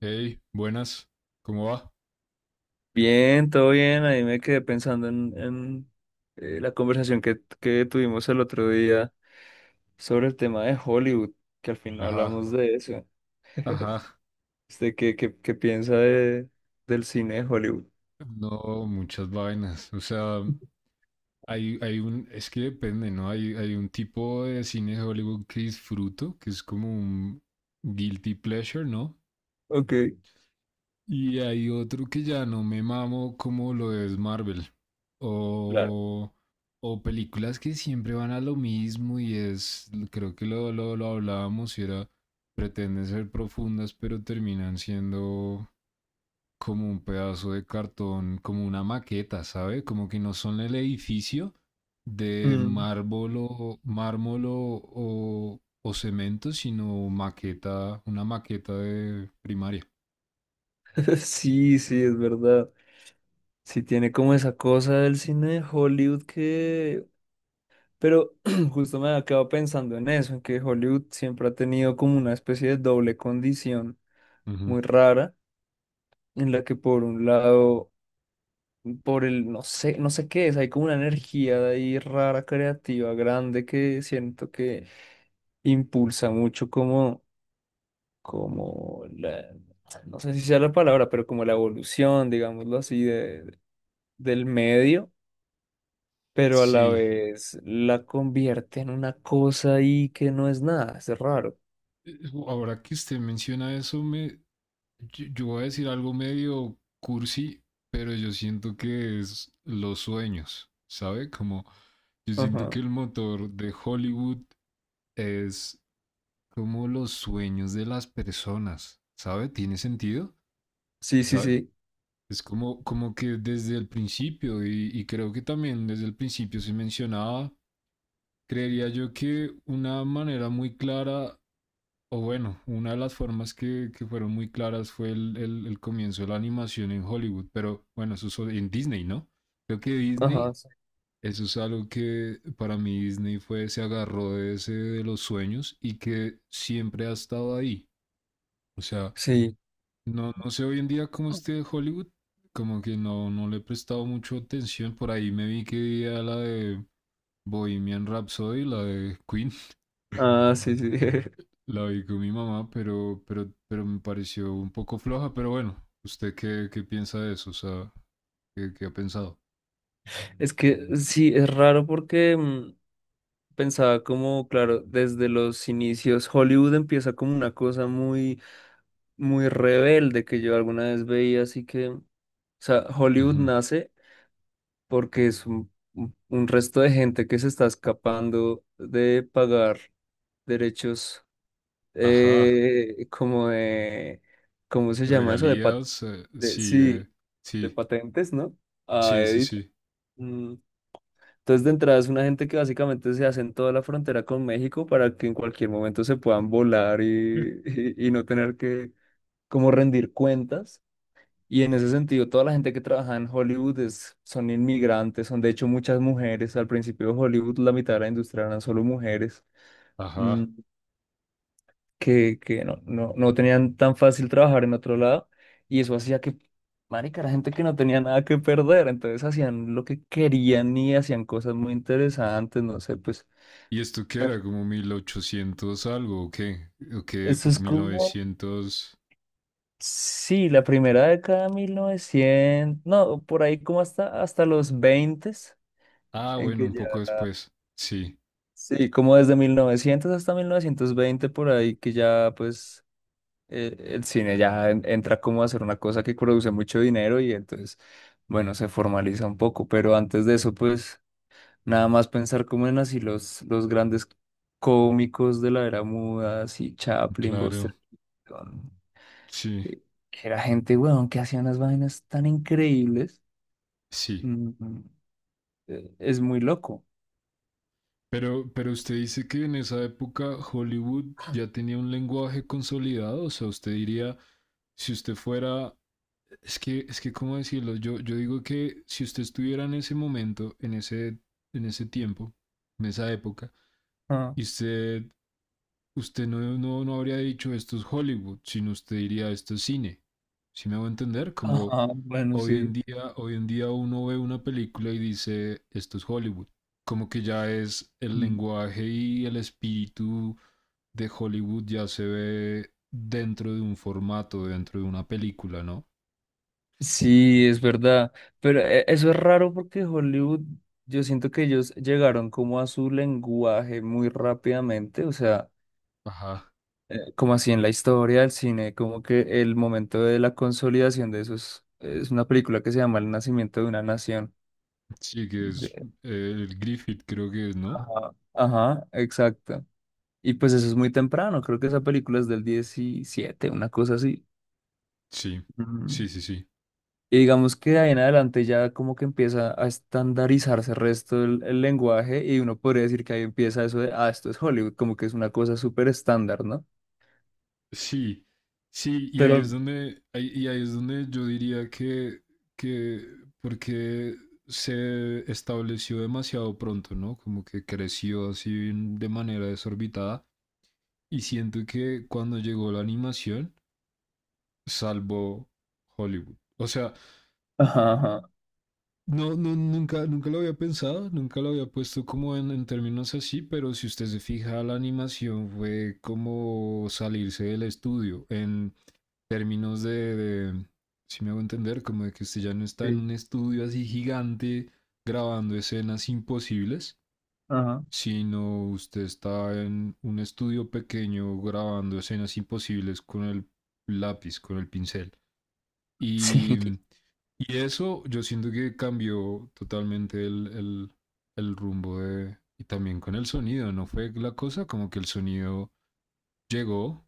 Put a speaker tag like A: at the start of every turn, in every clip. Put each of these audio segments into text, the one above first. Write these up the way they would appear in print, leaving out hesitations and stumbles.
A: Hey, buenas, ¿cómo va?
B: Bien, todo bien. Ahí me quedé pensando en la conversación que tuvimos el otro día sobre el tema de Hollywood, que al final
A: Ajá,
B: hablamos de eso.
A: ajá.
B: Este, ¿qué piensa del cine de Hollywood?
A: No, muchas vainas. O sea, hay un, es que depende, ¿no? Hay un tipo de cine de Hollywood que disfruto, que es como un guilty pleasure, ¿no?
B: Ok,
A: Y hay otro que ya no me mamo como lo es Marvel.
B: claro.
A: O, o películas que siempre van a lo mismo y es, creo que lo hablábamos y era, pretenden ser profundas, pero terminan siendo como un pedazo de cartón, como una maqueta, ¿sabe? Como que no son el edificio de
B: Mm,
A: mármol o cemento, sino maqueta, una maqueta de primaria.
B: Sí, sí, es verdad. Sí tiene como esa cosa del cine de Hollywood que... Pero justo me había quedado pensando en eso, en que Hollywood siempre ha tenido como una especie de doble condición
A: Ujú.
B: muy rara en la que por un lado por no sé, no sé qué es, hay como una energía de ahí rara, creativa, grande, que siento que impulsa mucho como la, no sé si sea la palabra, pero como la evolución, digámoslo así, del medio, pero a la
A: Sí.
B: vez la convierte en una cosa ahí que no es nada, es raro.
A: Eh, Ahora que usted menciona eso, yo voy a decir algo medio cursi, pero yo siento que es los sueños, ¿sabe? Como yo siento
B: Ajá.
A: que el motor de Hollywood es como los sueños de las personas, ¿sabe? ¿Tiene sentido?
B: Sí, sí,
A: ¿Sabe?
B: sí.
A: Es como, como que desde el principio, y creo que también desde el principio se mencionaba, creería yo que una manera muy clara, o bueno, una de las formas que fueron muy claras fue el comienzo de la animación en Hollywood, pero bueno, eso es en Disney, ¿no? Creo que
B: Ajá,
A: Disney
B: sí.
A: eso es algo que para mí Disney fue, se agarró de ese de los sueños y que siempre ha estado ahí. O sea,
B: Sí.
A: no, no sé hoy en día cómo esté Hollywood, como que no, no le he prestado mucho atención. Por ahí me vi que veía la de Bohemian Rhapsody, la de Queen,
B: Ah, sí, sí.
A: la vi con mi mamá, pero me pareció un poco floja. Pero bueno, ¿usted qué piensa de eso? O sea, ¿qué ha pensado?
B: Es que sí, es raro porque... pensaba como, claro, desde los inicios, Hollywood empieza como una cosa muy, muy rebelde que yo alguna vez veía, así que, o sea, Hollywood
A: Ujú.
B: nace porque es un resto de gente que se está escapando de pagar derechos,
A: Ajá,
B: como de, ¿cómo se llama eso? De,
A: regalías, sí,
B: sí,
A: de,
B: de
A: sí,
B: patentes, ¿no? A
A: sí, sí,
B: Edith.
A: sí.
B: mm, Entonces, de entrada es una gente que básicamente se hace en toda la frontera con México para que en cualquier momento se puedan volar y no tener que como rendir cuentas. Y en ese sentido, toda la gente que trabaja en Hollywood es, son inmigrantes, son de hecho muchas mujeres. Al principio de Hollywood, la mitad de la industria eran solo mujeres mm,
A: Ajá.
B: que no tenían tan fácil trabajar en otro lado. Y eso hacía marica, era gente que no tenía nada que perder. Entonces hacían lo que querían y hacían cosas muy interesantes. No sé, pues
A: ¿Y esto qué
B: pero
A: era? ¿Como 1800 algo o qué? ¿O qué
B: eso
A: época?
B: es
A: ¿mil
B: como,
A: novecientos
B: sí, la primera década de 1900 no, por ahí como hasta los 20
A: Ah,
B: en
A: bueno,
B: que
A: un
B: ya,
A: poco después. Sí,
B: sí, como desde 1900 hasta 1920, por ahí que ya, pues, el cine ya entra como a ser una cosa que produce mucho dinero y entonces, bueno, se formaliza un poco, pero antes de eso, pues, nada más pensar como en así los grandes cómicos de la era muda, así Chaplin,
A: claro,
B: Buster Keaton.
A: sí,
B: eh, que era gente, weón, que hacía unas vainas tan increíbles.
A: sí.
B: Mm, mm, es muy loco.
A: Pero usted dice que en esa época Hollywood ya tenía un lenguaje consolidado, o sea, usted diría, si usted fuera, es que, ¿cómo decirlo? Yo digo que si usted estuviera en ese momento, en ese tiempo, en esa época,
B: Ah,
A: y usted usted no habría dicho esto es Hollywood, sino usted diría esto es cine. ¿Sí me hago entender? Como
B: ajá, bueno, sí.
A: hoy en día uno ve una película y dice esto es Hollywood. Como que ya es el
B: Mm.
A: lenguaje y el espíritu de Hollywood ya se ve dentro de un formato, dentro de una película, ¿no?
B: Sí, es verdad. Pero eso es raro porque Hollywood, yo siento que ellos llegaron como a su lenguaje muy rápidamente. O sea,
A: Ajá.
B: como así en la historia del cine, como que el momento de la consolidación de eso es una película que se llama El nacimiento de una nación.
A: Sí, que es
B: De-
A: el Griffith, creo que es, ¿no?
B: ajá, ajá, exacto. Y pues eso es muy temprano, creo que esa película es del 17 una cosa así.
A: Sí,
B: Mm,
A: sí, sí, sí.
B: Y digamos que de ahí en adelante ya como que empieza a estandarizarse el resto del el lenguaje y uno podría decir que ahí empieza eso de, ah, esto es Hollywood, como que es una cosa súper estándar, ¿no?
A: Sí, sí, y ahí es
B: Pero,
A: donde, ahí es donde yo diría que, que porque se estableció demasiado pronto, ¿no? Como que creció así de manera desorbitada. Y siento que cuando llegó la animación, salvó Hollywood. O sea,
B: ajá, ajá,
A: no, nunca lo había pensado, nunca lo había puesto como en términos así, pero si usted se fija, la animación fue como salirse del estudio en términos si me hago entender, como de que usted ya no está en
B: sí,
A: un estudio así gigante grabando escenas imposibles,
B: ajá.
A: sino usted está en un estudio pequeño grabando escenas imposibles con el lápiz, con el pincel.
B: Sí,
A: Y, y eso yo siento que cambió totalmente el rumbo de... Y también con el sonido, ¿no fue la cosa? Como que el sonido llegó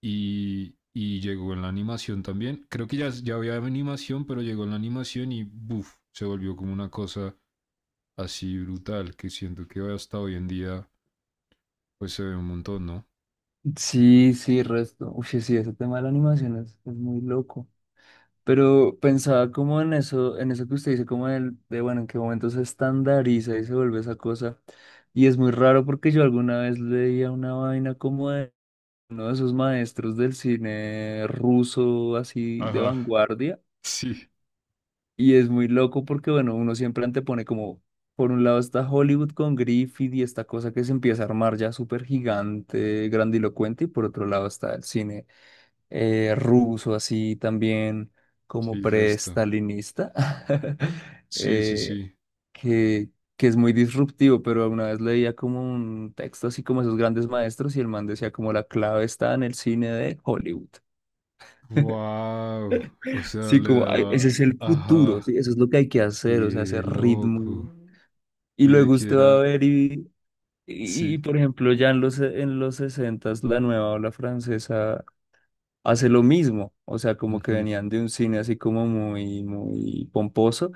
A: y llegó en la animación también. Creo que ya había animación, pero llegó en la animación y buf, se volvió como una cosa así brutal que siento que hasta hoy en día pues se ve un montón, ¿no?
B: sí, sí, resto. Uy, sí, ese tema de la animación es muy loco. Pero pensaba como en eso que usted dice, como el de, bueno, en qué momento se estandariza y se vuelve esa cosa. Y es muy raro porque yo alguna vez leía una vaina como de uno de esos maestros del cine ruso, así de
A: Ajá.
B: vanguardia.
A: Sí,
B: Y es muy loco porque, bueno, uno siempre antepone como, por un lado está Hollywood con Griffith y esta cosa que se empieza a armar ya súper gigante, grandilocuente, y por otro lado está el cine ruso así también como
A: sí, resta.
B: pre-stalinista,
A: Sí, sí,
B: eh,
A: sí.
B: que, que es muy disruptivo, pero alguna vez leía como un texto así como esos grandes maestros y el man decía como la clave está en el cine de Hollywood.
A: Wow. O sea,
B: Sí,
A: le
B: como "Ay, ese
A: daba.
B: es el futuro,
A: Ajá.
B: sí, eso es lo que hay que hacer, o sea, ese
A: Qué
B: ritmo.
A: loco.
B: Y
A: Y de
B: luego
A: que
B: usted va a
A: era.
B: ver y,
A: Sí.
B: por ejemplo, ya en en los 60 la nueva ola francesa hace lo mismo, o sea, como que
A: Ujú.
B: venían de un cine así como muy, muy pomposo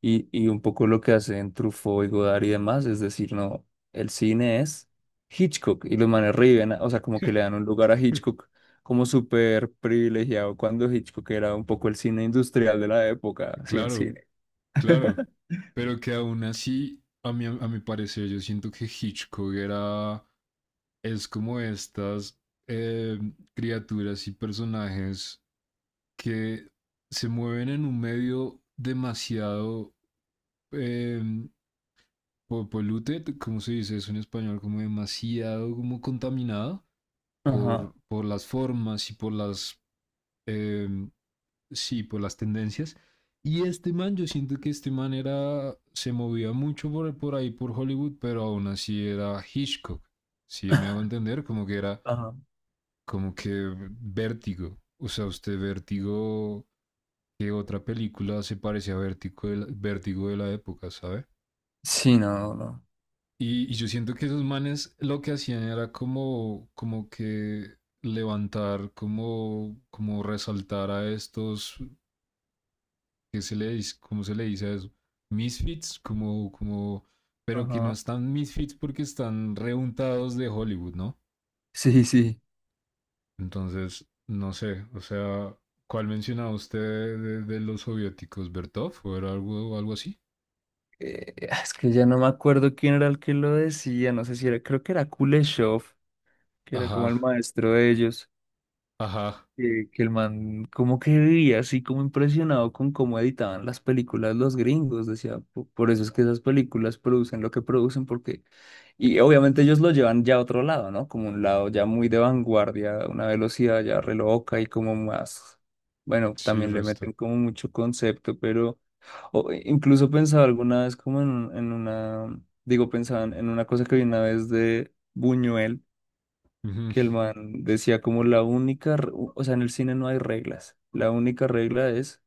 B: y un poco lo que hacen Truffaut y Godard y demás, es decir, no, el cine es Hitchcock y los manes riven, o sea, como que le dan un lugar a Hitchcock como súper privilegiado cuando Hitchcock era un poco el cine industrial de la época, sí, el
A: Claro.
B: cine.
A: Claro, pero que aún así, a mi parecer, yo siento que Hitchcock era, es como estas eh, criaturas y personajes que se mueven en un medio demasiado eh, polluted, ¿cómo se dice eso en español? Como demasiado como contaminado
B: Ajá,
A: por, las formas y por las eh, sí, por las tendencias. Y este man, yo siento que este man era, se movía mucho por, ahí, por Hollywood, pero aún así era Hitchcock. Si me hago entender, como que era,
B: ajá.
A: como que vértigo. O sea, usted vértigo, ¿qué otra película se parece a vértigo vértigo de la época? ¿Sabe?
B: Sí, no, no.
A: Y yo siento que esos manes lo que hacían era como, como que levantar, como, como resaltar a estos ¿qué se le dice? ¿Cómo se le dice a eso? Misfits, como, como, pero que no
B: Ajá.
A: están misfits porque están reuntados de Hollywood, ¿no?
B: Sí, sí.
A: Entonces, no sé, o sea, ¿cuál mencionaba usted de los soviéticos? ¿Bertov o era algo así?
B: Es que ya no me acuerdo quién era el que lo decía, no sé si era, creo que era Kuleshov, que era como el
A: Ajá,
B: maestro de ellos,
A: ajá,
B: que el man como que vivía así como impresionado con cómo editaban las películas los gringos, decía, "Po- por eso es que esas películas producen lo que producen, porque, y obviamente ellos lo llevan ya a otro lado, ¿no? Como un lado ya muy de vanguardia, una velocidad ya re loca y como más, bueno,
A: sí,
B: también le
A: resta.
B: meten como mucho concepto, pero incluso pensaba alguna vez como en una, digo, pensaba en una cosa que vi una vez de... Buñuel,
A: Ujú,
B: que el man decía como la única, o sea, en el cine no hay reglas, la única regla es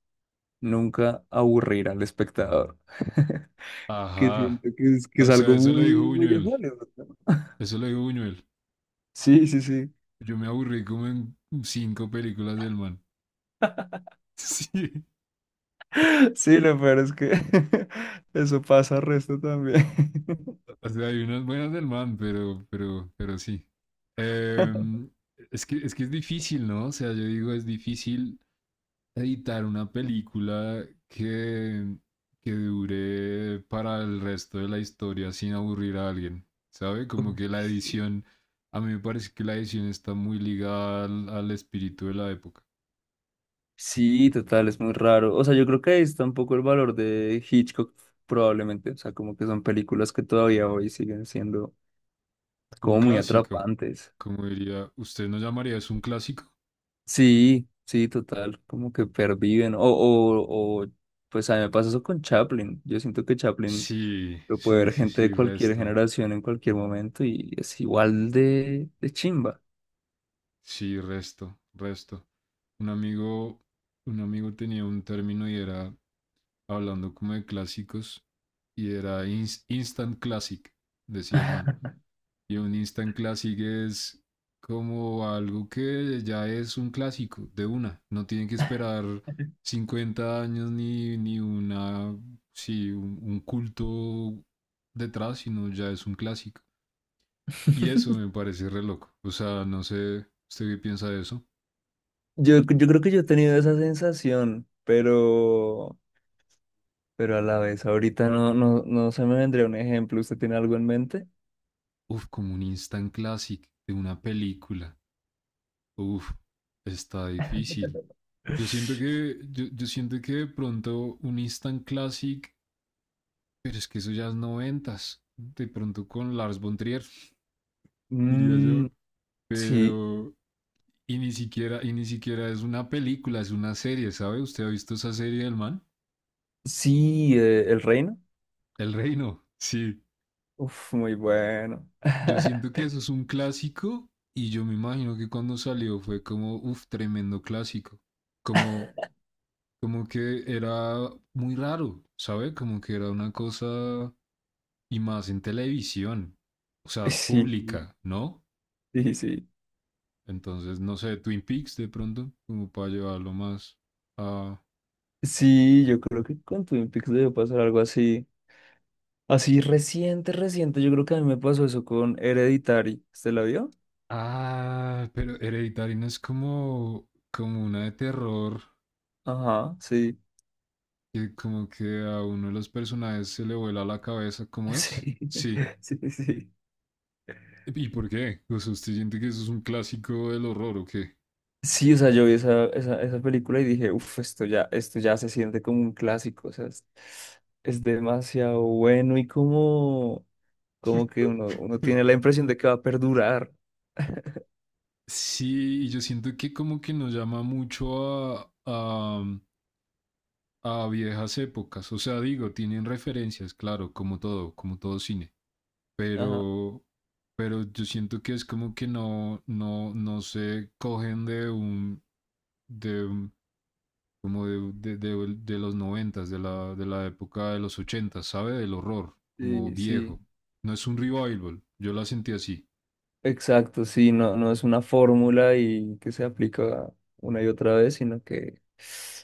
B: nunca aburrir al espectador, que
A: ajá,
B: siento que es
A: o sea,
B: algo
A: eso lo dijo
B: muy, muy de
A: Buñuel,
B: Hollywood. ¿No?
A: eso lo dijo Buñuel.
B: Sí, sí, sí,
A: Yo me aburrí como en cinco películas del man. Sí.
B: sí, lo peor es que eso pasa al resto también.
A: O sea, hay unas buenas del man, pero sí. Em, es que es difícil, ¿no? O sea, yo digo, es difícil editar una película que dure para el resto de la historia sin aburrir a alguien, ¿sabe? Como
B: Uy,
A: que la
B: sí,
A: edición, a mí me parece que la edición está muy ligada al espíritu de la época.
B: sí, total, es muy raro. O sea, yo creo que ahí está un poco el valor de Hitchcock, probablemente. O sea, como que son películas que todavía hoy siguen siendo
A: Un
B: como muy
A: clásico,
B: atrapantes.
A: como diría, ¿usted no llamaría eso un clásico?
B: Sí, sí, total, como que perviven. Pues a mí me pasa eso con Chaplin. Yo siento que Chaplin
A: Sí,
B: lo puede
A: sí,
B: ver
A: sí,
B: gente de
A: sí,
B: cualquier
A: resto.
B: generación en cualquier momento y es igual de chimba.
A: Sí, resto, resto. Un amigo, un amigo tenía un término y era hablando como de clásicos y era instant classic, decía el man. Y un instant classic es como algo que ya es un clásico de una. No tienen que esperar 50 años ni una, sí, un, culto detrás, sino ya es un clásico. Y eso me parece re loco. O sea, no sé, ¿usted qué piensa de eso?
B: Yo creo que yo he tenido esa sensación, pero a la vez, ahorita no se me vendría un ejemplo. ¿Usted tiene algo en mente?
A: Uf, como un instant classic de una película. Uf, está difícil. Yo siento que de pronto un instant classic, pero es que eso ya es 90s. De pronto con Lars von Trier, diría yo.
B: Mm, sí,
A: Pero, y ni siquiera es una película, es una serie, ¿sabe? ¿Usted ha visto esa serie del man?
B: sí, El Reino.
A: El Reino. Sí.
B: Uf, muy bueno.
A: Yo siento que eso es un clásico y yo me imagino que cuando salió fue como, uf, tremendo clásico. Como como que era muy raro, ¿sabe? Como que era una cosa y más en televisión, o sea,
B: Sí,
A: pública, ¿no?
B: sí, sí.
A: Entonces, no sé, Twin Peaks de pronto, como para llevarlo más a...
B: Sí, yo creo que con Twin Peaks debe pasar algo así. Así reciente, reciente. Yo creo que a mí me pasó eso con Hereditary. ¿Usted la vio?
A: Ah, pero Hereditary no es como, como una de terror,
B: Ajá, sí.
A: que como que a uno de los personajes se le vuela la cabeza, ¿cómo es?
B: Sí,
A: Sí.
B: sí, sí.
A: ¿Y por qué? O sea, ¿usted siente que eso es un clásico del horror o qué?
B: Sí, o sea, yo vi esa película y dije, uff, esto ya se siente como un clásico. O sea, es demasiado bueno y como, como que uno tiene la impresión de que va a perdurar.
A: Sí, y yo siento que como que nos llama mucho a, a viejas épocas. O sea, digo, tienen referencias, claro, como todo cine.
B: Ajá.
A: Pero, pero yo siento que es como que no se cogen de un- como de los 90s, de la época de los 80s, ¿sabe? Del horror, como
B: Sí,
A: viejo.
B: sí.
A: No es un revival, yo la sentí así.
B: Exacto, sí, no, no es una fórmula y que se aplica una y otra vez, sino que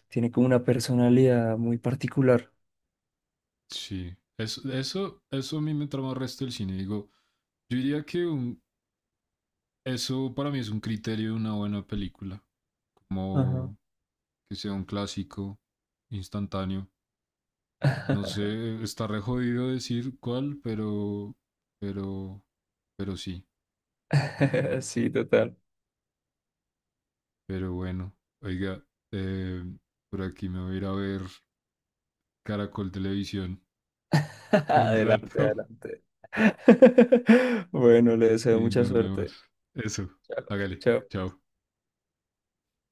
B: tiene como una personalidad muy particular.
A: Sí, eso a mí me trama el resto del cine. Digo, yo diría que eso para mí es un criterio de una buena película,
B: Ajá.
A: como que sea un clásico instantáneo. No sé, está re jodido decir cuál, pero, pero sí,
B: Sí, total.
A: pero bueno. Oiga, eh, por aquí me voy a ir a ver Caracol Televisión un
B: Adelante,
A: rato.
B: adelante. Bueno, le deseo
A: Y
B: mucha
A: nos vemos.
B: suerte.
A: Eso,
B: Chao.
A: hágale,
B: Chao.
A: chao.